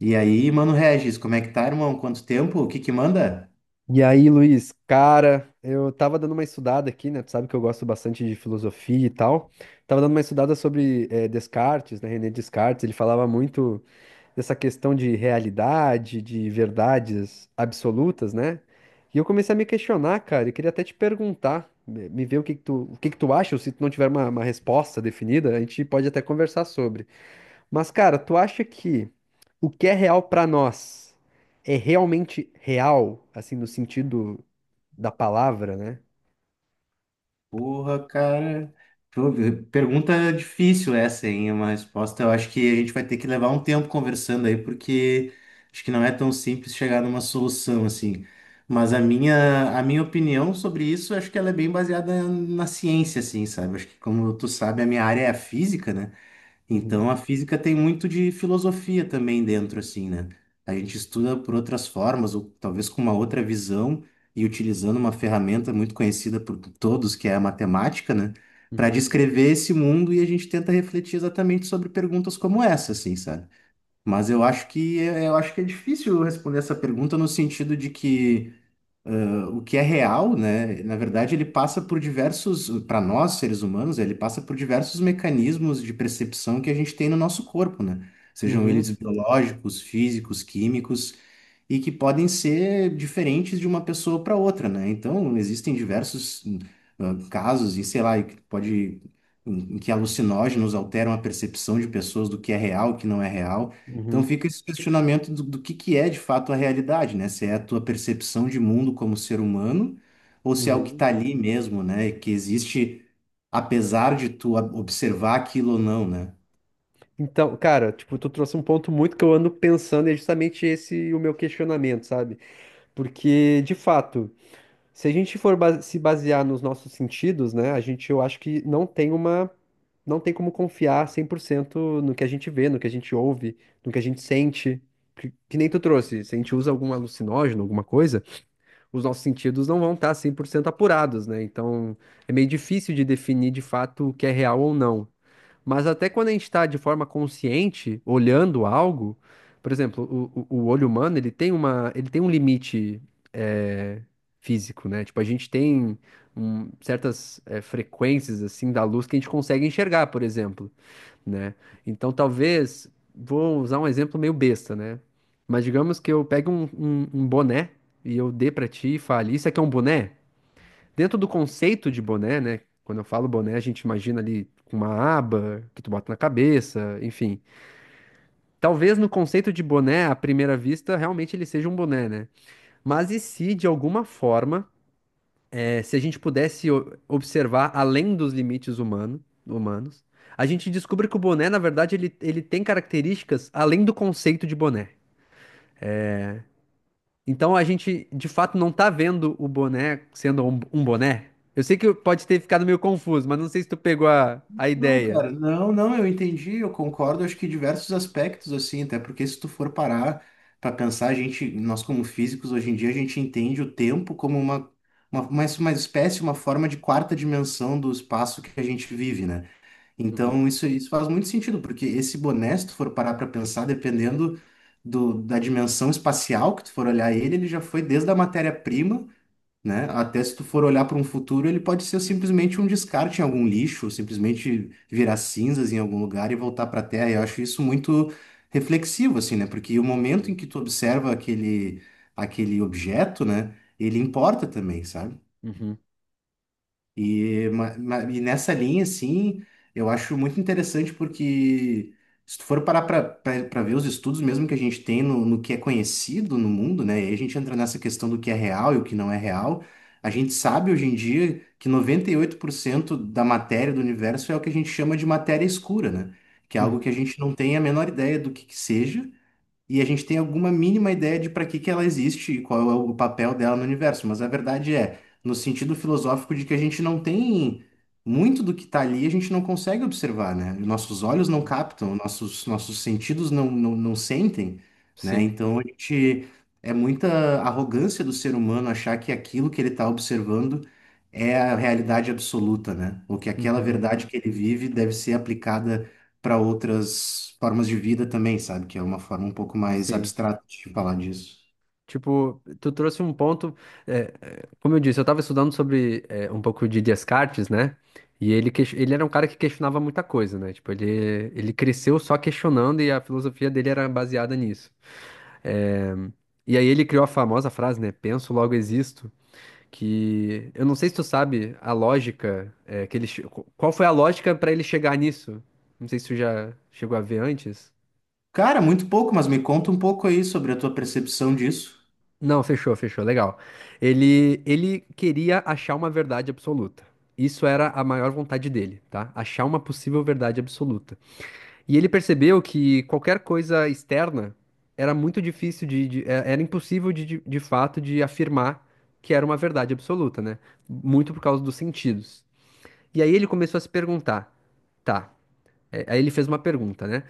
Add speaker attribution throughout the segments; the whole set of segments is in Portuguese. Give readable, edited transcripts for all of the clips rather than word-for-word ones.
Speaker 1: E aí, mano Regis, como é que tá, irmão? Quanto tempo? O que que manda?
Speaker 2: E aí, Luiz, cara, eu tava dando uma estudada aqui, né? Tu sabe que eu gosto bastante de filosofia e tal. Tava dando uma estudada sobre Descartes, né? René Descartes. Ele falava muito dessa questão de realidade, de verdades absolutas, né? E eu comecei a me questionar, cara, e queria até te perguntar, me ver o que que tu, o que que tu acha, ou se tu não tiver uma resposta definida, a gente pode até conversar sobre. Mas, cara, tu acha que o que é real pra nós é realmente real, assim, no sentido da palavra, né?
Speaker 1: Porra, cara. Pô, pergunta difícil essa, hein? Uma resposta eu acho que a gente vai ter que levar um tempo conversando aí, porque acho que não é tão simples chegar numa solução assim. Mas a minha opinião sobre isso, acho que ela é bem baseada na ciência, assim, sabe? Acho que, como tu sabe, a minha área é a física, né?
Speaker 2: Uhum,
Speaker 1: Então, a física tem muito de filosofia também dentro, assim, né? A gente estuda por outras formas, ou talvez com uma outra visão, e utilizando uma ferramenta muito conhecida por todos, que é a matemática, né? Para
Speaker 2: uhum,
Speaker 1: descrever esse mundo e a gente tenta refletir exatamente sobre perguntas como essa, assim, sabe? Mas eu acho que é, eu acho que é difícil responder essa pergunta no sentido de que o que é real, né? Na verdade, ele passa por diversos, para nós, seres humanos, ele passa por diversos mecanismos de percepção que a gente tem no nosso corpo, né? Sejam
Speaker 2: uhum,
Speaker 1: eles biológicos, físicos, químicos e que podem ser diferentes de uma pessoa para outra, né? Então, existem diversos casos, e sei lá, e que pode, em que alucinógenos alteram a percepção de pessoas do que é real, o que não é real. Então,
Speaker 2: uhum,
Speaker 1: fica esse questionamento do que é de fato a realidade, né? Se é a tua percepção de mundo como ser humano, ou se é o que
Speaker 2: uhum.
Speaker 1: está ali mesmo, né? Que existe, apesar de tu observar aquilo ou não, né?
Speaker 2: Então, cara, tipo, tu trouxe um ponto muito que eu ando pensando e é justamente esse o meu questionamento, sabe? Porque, de fato. Se a gente for base- Se basear nos nossos sentidos, né, a gente, eu acho que não tem como confiar 100% no que a gente vê, no que a gente ouve, no que a gente sente. Que nem tu trouxe, se a gente usa algum alucinógeno, alguma coisa, os nossos sentidos não vão estar 100% apurados, né? Então, é meio difícil de definir de fato o que é real ou não. Mas até quando a gente está de forma consciente, olhando algo, por exemplo, o olho humano, ele tem um limite eh, físico, né? Tipo, a gente tem certas frequências, assim, da luz que a gente consegue enxergar, por exemplo, né? Então, talvez, vou usar um exemplo meio besta, né? Mas digamos que eu pegue um boné e eu dê pra ti e fale, isso aqui é um boné? Dentro do conceito de boné, né? Quando eu falo boné, a gente imagina ali com uma aba que tu bota na cabeça, enfim. Talvez no conceito de boné, à primeira vista, realmente ele seja um boné, né? Mas e se, de alguma forma, se a gente pudesse observar além dos humanos, a gente descobre que o boné, na verdade, ele tem características além do conceito de boné. Então a gente de fato não tá vendo o boné sendo um boné. Eu sei que pode ter ficado meio confuso, mas não sei se tu pegou a
Speaker 1: Não,
Speaker 2: ideia.
Speaker 1: cara, não, eu entendi, eu concordo, acho que em diversos aspectos, assim, até porque se tu for parar para pensar, a gente, nós como físicos, hoje em dia, a gente entende o tempo como uma espécie, uma forma de quarta dimensão do espaço que a gente vive, né?
Speaker 2: Uhum,
Speaker 1: Então, isso faz muito sentido, porque esse boné, se tu for parar para pensar, dependendo da dimensão espacial que tu for olhar ele, ele já foi desde a matéria-prima, né? Até se tu for olhar para um futuro, ele pode ser simplesmente um descarte em algum lixo, simplesmente virar cinzas em algum lugar e voltar para a Terra. Eu acho isso muito reflexivo, assim, né? Porque o momento em
Speaker 2: uhum,
Speaker 1: que tu observa aquele objeto, né? Ele importa também, sabe?
Speaker 2: uhum,
Speaker 1: E, e nessa linha, assim, eu acho muito interessante porque se tu for parar para ver os estudos mesmo que a gente tem no, no que é conhecido no mundo, né? E aí a gente entra nessa questão do que é real e o que não é real. A gente sabe hoje em dia que 98% da matéria do universo é o que a gente chama de matéria escura, né? Que é algo
Speaker 2: uhum,
Speaker 1: que a gente não tem a menor ideia do que seja e a gente tem alguma mínima ideia de para que que ela existe e qual é o papel dela no universo. Mas a verdade é, no sentido filosófico de que a gente não tem muito do que está ali, a gente não consegue observar, né? Nossos olhos não
Speaker 2: uhum.
Speaker 1: captam, nossos, nossos sentidos não sentem, né?
Speaker 2: Sim,
Speaker 1: Então a gente é muita arrogância do ser humano achar que aquilo que ele está observando é a realidade absoluta, né? Ou que aquela
Speaker 2: uhum,
Speaker 1: verdade que ele vive deve ser aplicada para outras formas de vida também, sabe? Que é uma forma um pouco mais
Speaker 2: sim.
Speaker 1: abstrata de falar disso.
Speaker 2: Tipo, tu trouxe um ponto. Como eu disse, eu tava estudando sobre um pouco de Descartes, né? Ele era um cara que questionava muita coisa, né? Tipo, ele cresceu só questionando e a filosofia dele era baseada nisso. É, e aí ele criou a famosa frase, né? Penso, logo existo. Que eu não sei se tu sabe a lógica qual foi a lógica para ele chegar nisso? Não sei se tu já chegou a ver antes.
Speaker 1: Cara, muito pouco, mas me conta um pouco aí sobre a tua percepção disso.
Speaker 2: Não, fechou, fechou, legal. Ele queria achar uma verdade absoluta. Isso era a maior vontade dele, tá? Achar uma possível verdade absoluta. E ele percebeu que qualquer coisa externa era muito difícil de, era impossível de fato de afirmar que era uma verdade absoluta, né? Muito por causa dos sentidos. E aí ele começou a se perguntar, tá? Aí ele fez uma pergunta, né?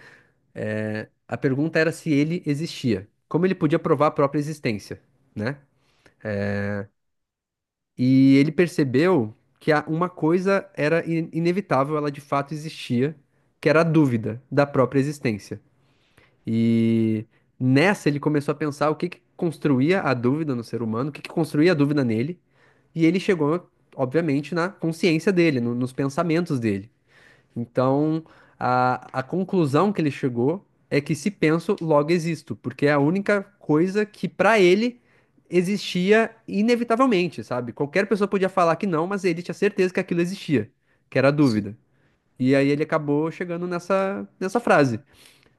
Speaker 2: É, a pergunta era se ele existia, como ele podia provar a própria existência, né? E ele percebeu que uma coisa era inevitável, ela de fato existia, que era a dúvida da própria existência. E nessa ele começou a pensar o que que construía a dúvida no ser humano, o que que construía a dúvida nele, e ele chegou, obviamente, na consciência dele, nos pensamentos dele. Então, a conclusão que ele chegou é que se penso, logo existo, porque é a única coisa que para ele existia inevitavelmente, sabe? Qualquer pessoa podia falar que não, mas ele tinha certeza que aquilo existia, que era a
Speaker 1: Sim.
Speaker 2: dúvida. E aí ele acabou chegando nessa frase,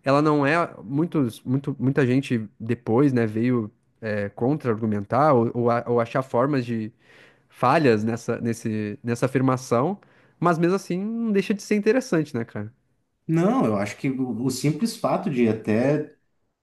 Speaker 2: ela não é, muita gente depois, né, veio contra-argumentar ou achar formas de falhas nessa afirmação, mas mesmo assim não deixa de ser interessante, né, cara?
Speaker 1: Não, eu acho que o simples fato de até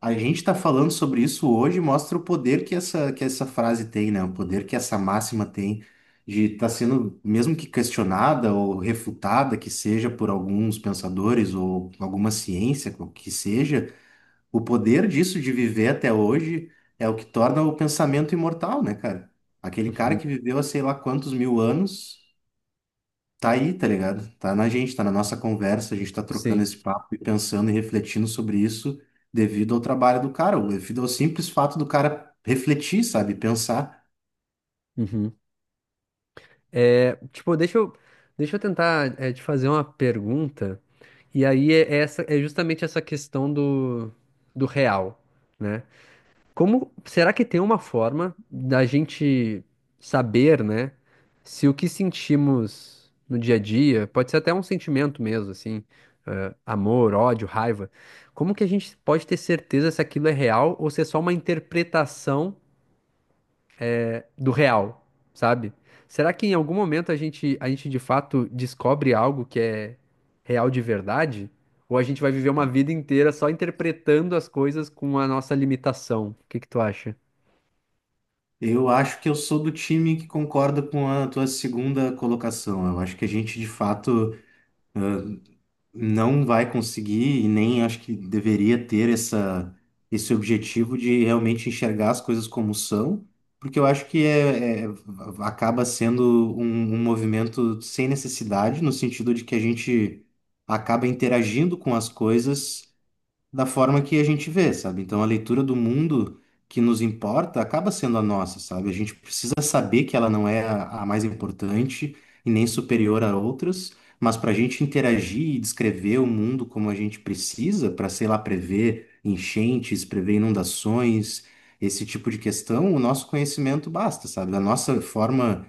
Speaker 1: a gente estar falando sobre isso hoje mostra o poder que essa frase tem, né? O poder que essa máxima tem de estar sendo, mesmo que questionada ou refutada, que seja por alguns pensadores ou alguma ciência, qual que seja. O poder disso de viver até hoje é o que torna o pensamento imortal, né, cara? Aquele cara
Speaker 2: Uhum.
Speaker 1: que viveu há sei lá quantos mil anos, tá aí, tá ligado? Tá na gente, tá na nossa conversa, a gente tá trocando
Speaker 2: Sim.
Speaker 1: esse papo e pensando e refletindo sobre isso devido ao trabalho do cara, ou devido ao simples fato do cara refletir, sabe? Pensar.
Speaker 2: Uhum. É, tipo, deixa eu tentar te fazer uma pergunta, e aí é justamente essa questão do, do real. Né? Como será que tem uma forma da gente saber, né, se o que sentimos no dia a dia, pode ser até um sentimento mesmo, assim, amor, ódio, raiva, como que a gente pode ter certeza se aquilo é real ou se é só uma interpretação do real, sabe? Será que em algum momento a gente de fato descobre algo que é real de verdade? Ou a gente vai viver uma vida inteira só interpretando as coisas com a nossa limitação? O que que tu acha?
Speaker 1: Eu acho que eu sou do time que concorda com a tua segunda colocação. Eu acho que a gente, de fato, não vai conseguir e nem acho que deveria ter esse objetivo de realmente enxergar as coisas como são, porque eu acho que acaba sendo um, um movimento sem necessidade, no sentido de que a gente acaba interagindo com as coisas da forma que a gente vê, sabe? Então a leitura do mundo que nos importa acaba sendo a nossa, sabe? A gente precisa saber que ela não é a mais importante e nem superior a outras, mas para a gente interagir e descrever o mundo como a gente precisa, para, sei lá, prever enchentes, prever inundações, esse tipo de questão, o nosso conhecimento basta, sabe? A nossa forma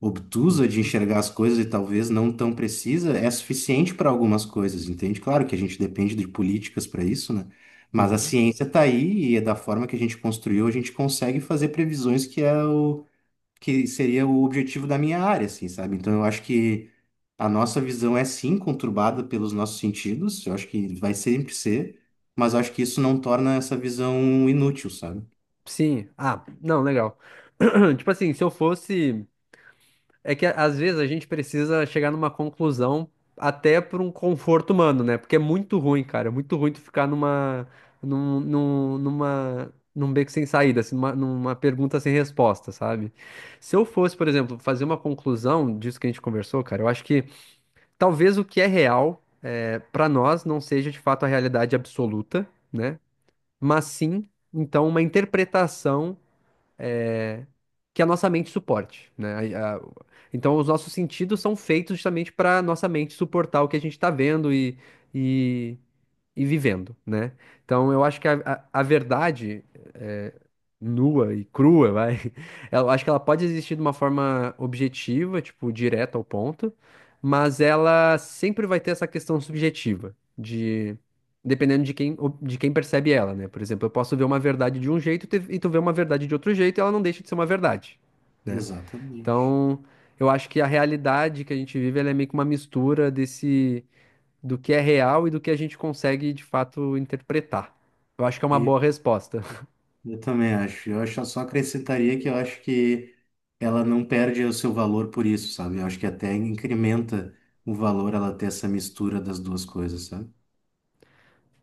Speaker 1: obtusa de enxergar as coisas e talvez não tão precisa, é suficiente para algumas coisas, entende? Claro que a gente depende de políticas para isso, né? Mas a
Speaker 2: Uhum.
Speaker 1: ciência está aí e é da forma que a gente construiu, a gente consegue fazer previsões que é o que seria o objetivo da minha área, assim, sabe? Então eu acho que a nossa visão é sim conturbada pelos nossos sentidos, eu acho que vai sempre ser, mas eu acho que isso não torna essa visão inútil, sabe?
Speaker 2: Sim. Ah, não, legal. Tipo assim, se eu fosse. É que às vezes a gente precisa chegar numa conclusão até por um conforto humano, né? Porque é muito ruim, cara. É muito ruim tu ficar numa. Num beco sem saída, assim, numa pergunta sem resposta, sabe? Se eu fosse, por exemplo, fazer uma conclusão disso que a gente conversou, cara, eu acho que talvez o que é real para nós não seja de fato a realidade absoluta, né? Mas sim, então, uma interpretação. é, que a nossa mente suporte, né? A- a- então, os nossos sentidos são feitos justamente para nossa mente suportar o que a gente está vendo e vivendo, né? Então eu acho que a verdade é, nua e crua, vai, eu acho que ela pode existir de uma forma objetiva, tipo, direta ao ponto, mas ela sempre vai ter essa questão subjetiva, de dependendo de quem percebe ela, né? Por exemplo, eu posso ver uma verdade de um jeito e e tu vê uma verdade de outro jeito e ela não deixa de ser uma verdade, né?
Speaker 1: Exatamente.
Speaker 2: Então, eu acho que a realidade que a gente vive, ela é meio que uma mistura desse do que é real e do que a gente consegue de fato interpretar. Eu acho que é uma boa resposta.
Speaker 1: Eu também acho. Eu acho, eu só acrescentaria que eu acho que ela não perde o seu valor por isso, sabe? Eu acho que até incrementa o valor ela ter essa mistura das duas coisas, sabe?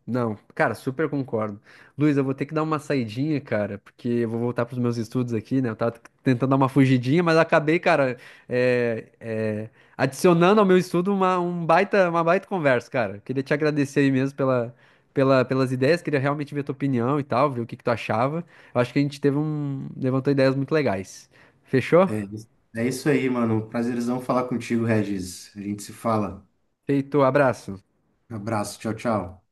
Speaker 2: Não, cara, super concordo. Luiz, eu vou ter que dar uma saidinha, cara, porque eu vou voltar pros meus estudos aqui, né? Eu tava tentando dar uma fugidinha, mas acabei, cara, é, é, adicionando ao meu estudo um baita, uma baita conversa, cara. Queria te agradecer aí mesmo pelas ideias, queria realmente ver tua opinião e tal, ver o que que tu achava. Eu acho que a gente teve levantou ideias muito legais. Fechou?
Speaker 1: É, isso- É isso aí, mano. Prazerzão falar contigo, Regis. A gente se fala.
Speaker 2: Feito, abraço.
Speaker 1: Abraço, tchau, tchau.